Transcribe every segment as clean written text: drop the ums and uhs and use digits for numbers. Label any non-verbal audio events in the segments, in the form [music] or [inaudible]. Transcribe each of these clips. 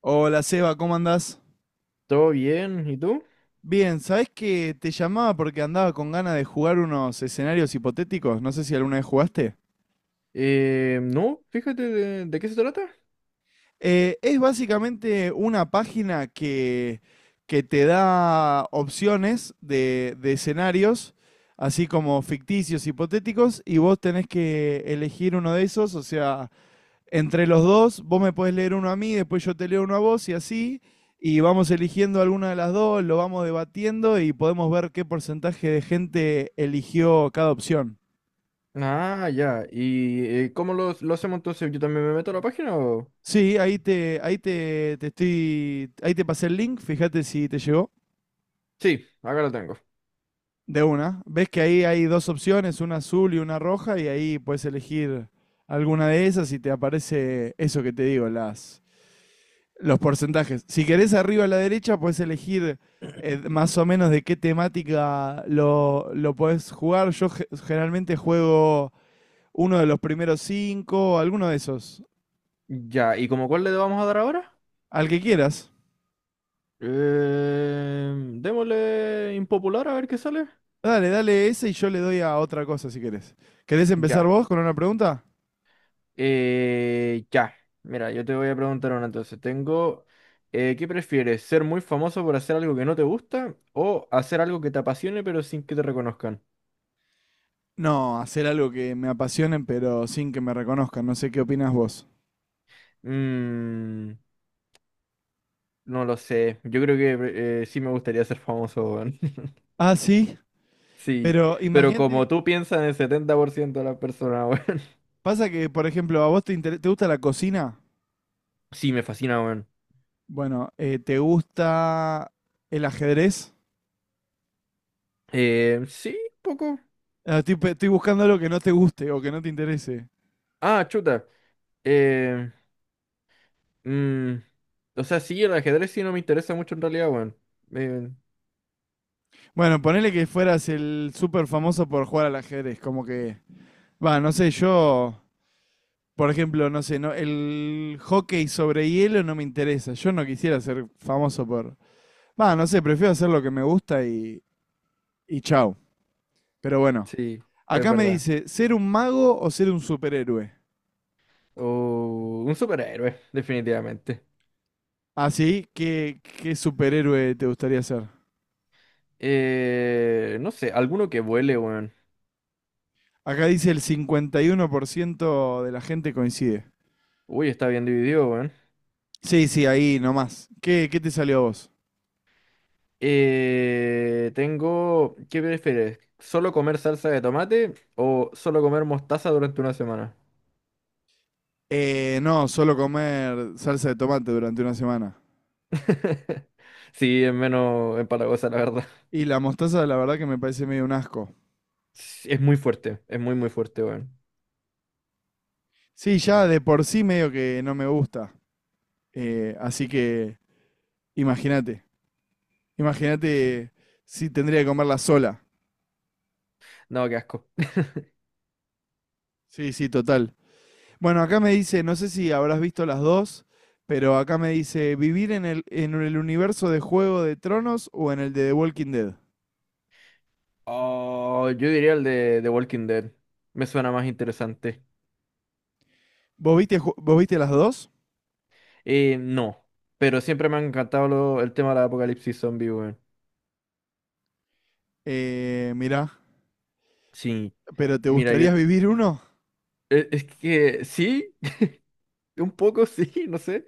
Hola Seba, ¿cómo andás? ¿Todo bien? ¿Y tú? Bien, ¿sabés que te llamaba porque andaba con ganas de jugar unos escenarios hipotéticos? No sé si alguna vez jugaste. No, fíjate, de qué se trata. Es básicamente una página que te da opciones de escenarios, así como ficticios, hipotéticos, y vos tenés que elegir uno de esos, o sea, entre los dos, vos me podés leer uno a mí, después yo te leo uno a vos y así, y vamos eligiendo alguna de las dos, lo vamos debatiendo y podemos ver qué porcentaje de gente eligió cada opción. Ah, ya. ¿Y cómo lo hacemos entonces? ¿Yo también me meto a la página o...? Sí, ahí te pasé el link, fíjate si te llegó Sí, acá lo tengo. de una. Ves que ahí hay dos opciones, una azul y una roja, y ahí puedes elegir alguna de esas y te aparece eso que te digo, los porcentajes. Si querés arriba a la derecha, puedes elegir más o menos de qué temática lo podés jugar. Yo generalmente juego uno de los primeros cinco, alguno de esos. Ya, ¿y como cuál le vamos a dar ahora? Al que quieras. Eh, Démosle impopular a ver qué sale. Dale, dale ese y yo le doy a otra cosa si querés. ¿Querés empezar Ya. vos con una pregunta? Eh, ya. Mira, yo te voy a preguntar una entonces. ¿Qué prefieres? ¿Ser muy famoso por hacer algo que no te gusta o hacer algo que te apasione pero sin que te reconozcan? No, hacer algo que me apasionen pero sin que me reconozcan. No sé qué opinas vos. Mmm... No lo sé. Yo creo que sí me gustaría ser famoso, weón. [laughs] Ah, sí, Sí, pero pero como imagínate, tú piensas en el 70% de las personas, weón. pasa que, por ejemplo, a vos te gusta la cocina. [laughs] Sí, me fascina, weón. Bueno, ¿te gusta el ajedrez? Sí, un poco. Ah, Estoy buscando algo que no te guste o que no te interese. Ah, chuta. Eh, mm, o sea, sí, el ajedrez sí no me interesa mucho en realidad, weón. Eh, Bueno, ponele que fueras el súper famoso por jugar al ajedrez, como que... Va, no sé, yo, por ejemplo, no sé, no, el hockey sobre hielo no me interesa. Yo no quisiera ser famoso por... Va, no sé, prefiero hacer lo que me gusta y chau. Pero bueno, sí, es acá me verdad. dice, ¿ser un mago o ser un superhéroe? O un superhéroe, definitivamente. Así, ¿qué superhéroe te gustaría ser? No sé, alguno que vuele, weón. Acá dice el 51% de la gente coincide. Uy, está bien dividido, weón. Sí, sí, ahí nomás. ¿Qué te salió a vos? Tengo, ¿qué prefieres? ¿Solo comer salsa de tomate o solo comer mostaza durante una semana? No, solo comer salsa de tomate durante una semana. [laughs] Sí, es menos empalagosa, la verdad. Y la mostaza, la verdad que me parece medio un asco. Sí, es muy fuerte, es muy fuerte, weón. Sí, ya Ah, de por sí medio que no me gusta. Así que imagínate. sí. Imagínate si tendría que comerla sola. No, qué asco. Sí, sí, total. Bueno, acá me dice, no sé si habrás visto las dos, pero acá me dice, ¿vivir en en el universo de Juego de Tronos o en el de The Walking Dead? Oh, yo diría el de Walking Dead. Me suena más interesante. Vos viste las dos? No, pero siempre me ha encantado el tema del apocalipsis zombie, weón. Mirá, Sí. ¿pero te Mira, yo... gustaría vivir uno? Es que sí, [laughs] un poco sí, no sé.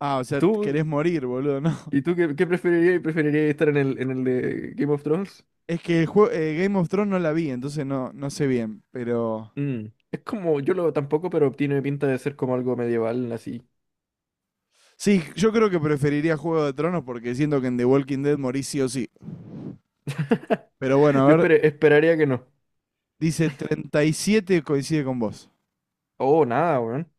Ah, o sea, querés ¿Tú? morir, boludo, ¿no? [laughs] ¿Y tú qué preferirías? ¿Preferirías estar en en el de Game of Thrones? Es que el Game of Thrones no la vi, entonces no, no sé bien, pero... Mm. Es como, yo lo tampoco, pero tiene pinta de ser como algo medieval, así. Sí, yo creo que preferiría Juego de Tronos porque siento que en The Walking Dead morís sí o sí. Pero bueno, [laughs] a ver, Esperaría que no. dice 37 coincide con vos. Oh, nada, weón.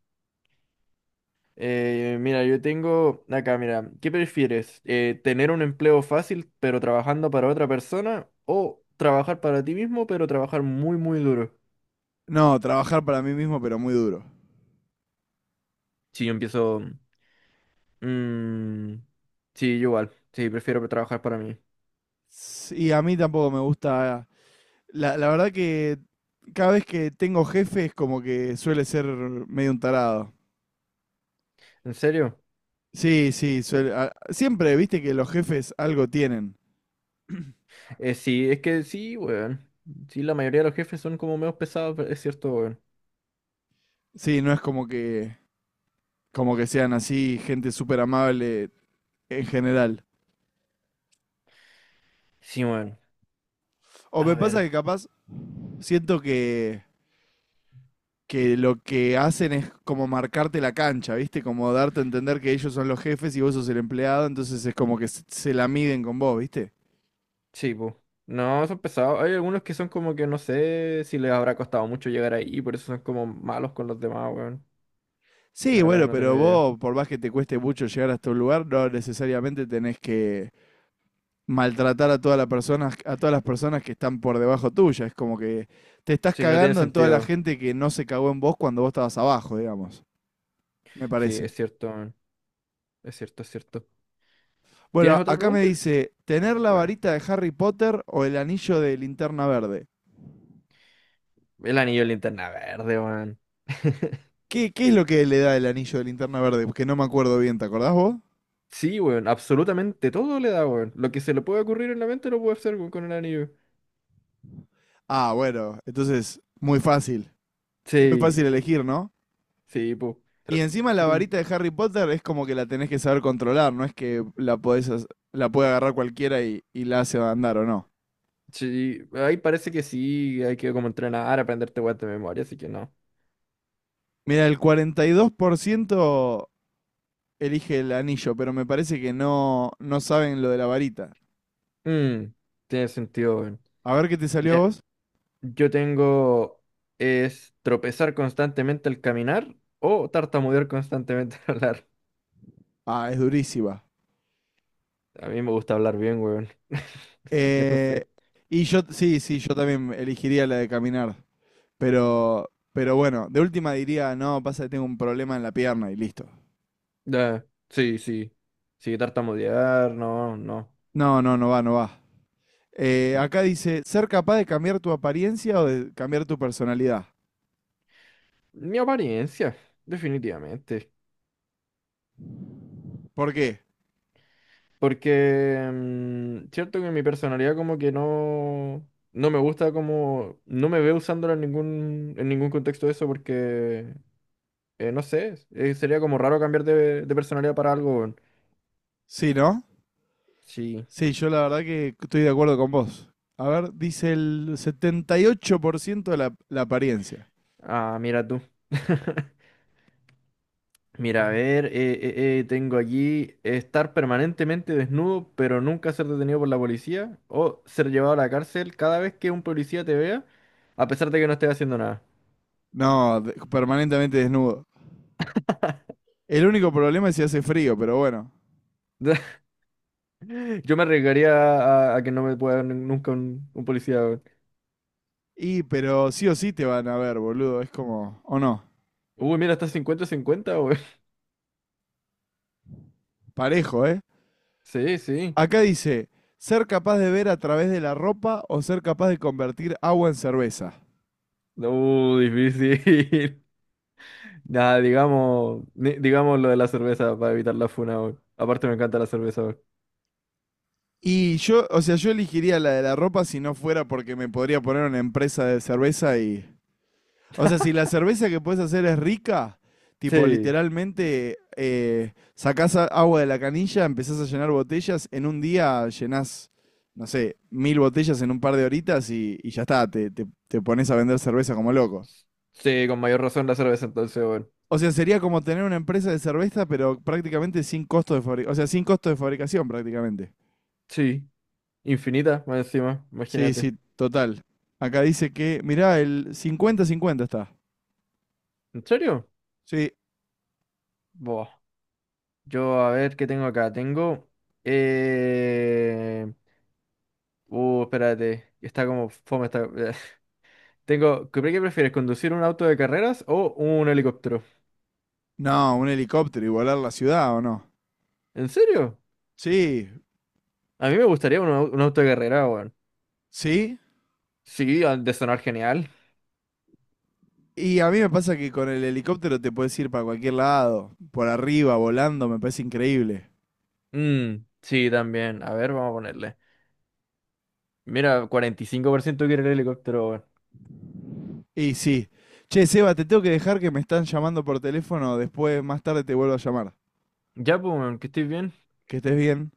Mira, yo tengo acá, mira, ¿qué prefieres? ¿Tener un empleo fácil pero trabajando para otra persona? ¿O trabajar para ti mismo pero trabajar muy duro? No, trabajar para mí mismo, pero muy duro. Sí, yo empiezo... mm, sí, yo igual. Sí, prefiero trabajar para mí. Sí, a mí tampoco me gusta. La verdad que cada vez que tengo jefes, como que suele ser medio un tarado. ¿En serio? Sí, sí, siempre, viste que los jefes algo tienen. Sí, es que sí, weón. Sí, la mayoría de los jefes son como menos pesados, pero es cierto, weón. Sí, no es como que sean así, gente súper amable en general. Sí, weón. O me A pasa ver. que capaz siento que lo que hacen es como marcarte la cancha, viste, como darte a entender que ellos son los jefes y vos sos el empleado, entonces es como que se la miden con vos, viste. Sí, pues. No, son pesados. Hay algunos que son como que no sé si les habrá costado mucho llegar ahí, por eso son como malos con los demás, weón. Sí, La verdad que bueno, no pero tengo idea. vos, por más que te cueste mucho llegar hasta un lugar, no necesariamente tenés que maltratar a todas las personas, a todas las personas que están por debajo tuya. Es como que te estás Sí, no tiene cagando en toda la sentido. gente que no se cagó en vos cuando vos estabas abajo, digamos. Me Sí, es parece. cierto, weón. Es cierto, es cierto. Bueno, ¿Tienes otra acá me pregunta? dice, ¿tener la Bueno. varita de Harry Potter o el anillo de linterna verde? El anillo de linterna verde, weón. [laughs] ¿Qué es lo que le da el anillo de linterna verde? Porque no me acuerdo bien, ¿te acordás vos? Sí, weón. Absolutamente todo le da, weón. Lo que se le puede ocurrir en la mente lo puede hacer, weón, con el anillo. Ah, bueno, entonces, muy fácil. Muy fácil Sí, elegir, ¿no? sí, pues. Y encima la Mm, varita de Harry Potter es como que la tenés que saber controlar, no es que la podés, la puede agarrar cualquiera y la hace andar o no. Sí, ahí parece que sí, hay que como entrenar, aprenderte weas de memoria, así que no. Mira, el 42% elige el anillo, pero me parece que no, no saben lo de la varita. Mm, Tiene sentido, weón. A ver qué te salió a Mira, vos. yo tengo es tropezar constantemente al caminar o tartamudear constantemente [laughs] al hablar. Ah, es durísima. A mí me gusta hablar bien, weón. [laughs] Así que no Eh, sé. y yo, sí, sí, yo también elegiría la de caminar. Pero bueno, de última diría, no, pasa que tengo un problema en la pierna y listo. Ya, sí, sí. Sí, tartamudear, no, no. No, no, no va, no va. Mi Acá dice, ser capaz de cambiar tu apariencia o de cambiar tu personalidad. Mi apariencia, definitivamente. ¿Por qué? Porque, cierto que mi personalidad como que no, no me gusta como, no me veo usándola en ningún contexto de eso porque, no sé, sería como raro cambiar de personalidad para algo, weón. Sí, ¿no? Sí. Sí, yo la verdad que estoy de acuerdo con vos. A ver, dice el 78% de la apariencia. Ah, mira tú. [laughs] Mira, a ver, tengo aquí estar permanentemente desnudo pero nunca ser detenido por la policía o ser llevado a la cárcel cada vez que un policía te vea a pesar de que no estés haciendo nada. No, permanentemente desnudo. El único problema es si hace frío, pero bueno. [laughs] Yo me arriesgaría a que no me pueda nunca un policía, weón. Y, pero sí o sí te van a ver, boludo. Es como, o no, Uy, mira, está 50 cincuenta, weón. parejo, ¿eh? [laughs] Sí, sí. Acá dice, ser capaz de ver a través de la ropa o ser capaz de convertir agua en cerveza. Difícil. [laughs] Nada, digamos, digamos lo de la cerveza para evitar la funa, weón. Aparte me encanta la cerveza, weón. Y yo, o sea, yo elegiría la de la ropa si no fuera porque me podría poner una empresa de cerveza y... O sea, si la cerveza que puedes hacer es rica, tipo Sí. literalmente sacás agua de la canilla, empezás a llenar botellas, en un día llenás, no sé, 1000 botellas en un par de horitas y ya está, te pones a vender cerveza como loco. Sí, con mayor razón la cerveza entonces, weón. O sea, sería como tener una empresa de cerveza, pero prácticamente sin costo de fabricación, o sea, sin costo de fabricación prácticamente. Sí. Infinita, más encima, Sí, imagínate. sí, total. Acá dice que, mirá, el 50-50 está. ¿En serio? Sí. Buah. Yo, a ver, ¿qué tengo acá? Eh... Espérate. Está como fome esta... [laughs] Tengo, qué prefieres? ¿Conducir un auto de carreras o un helicóptero? No, un helicóptero y volar la ciudad, ¿o no? ¿En serio? Sí, A mí me gustaría un auto de carrera, weón. sí. Sí, ha de sonar genial. Y a mí me pasa que con el helicóptero te puedes ir para cualquier lado, por arriba, volando, me parece increíble. Mm, sí, también. A ver, vamos a ponerle. Mira, 45% quiere el helicóptero, weón. Y sí. Che, Seba, te tengo que dejar que me están llamando por teléfono, después más tarde te vuelvo a llamar. Ya, pues, weón, que estés bien. Que estés bien.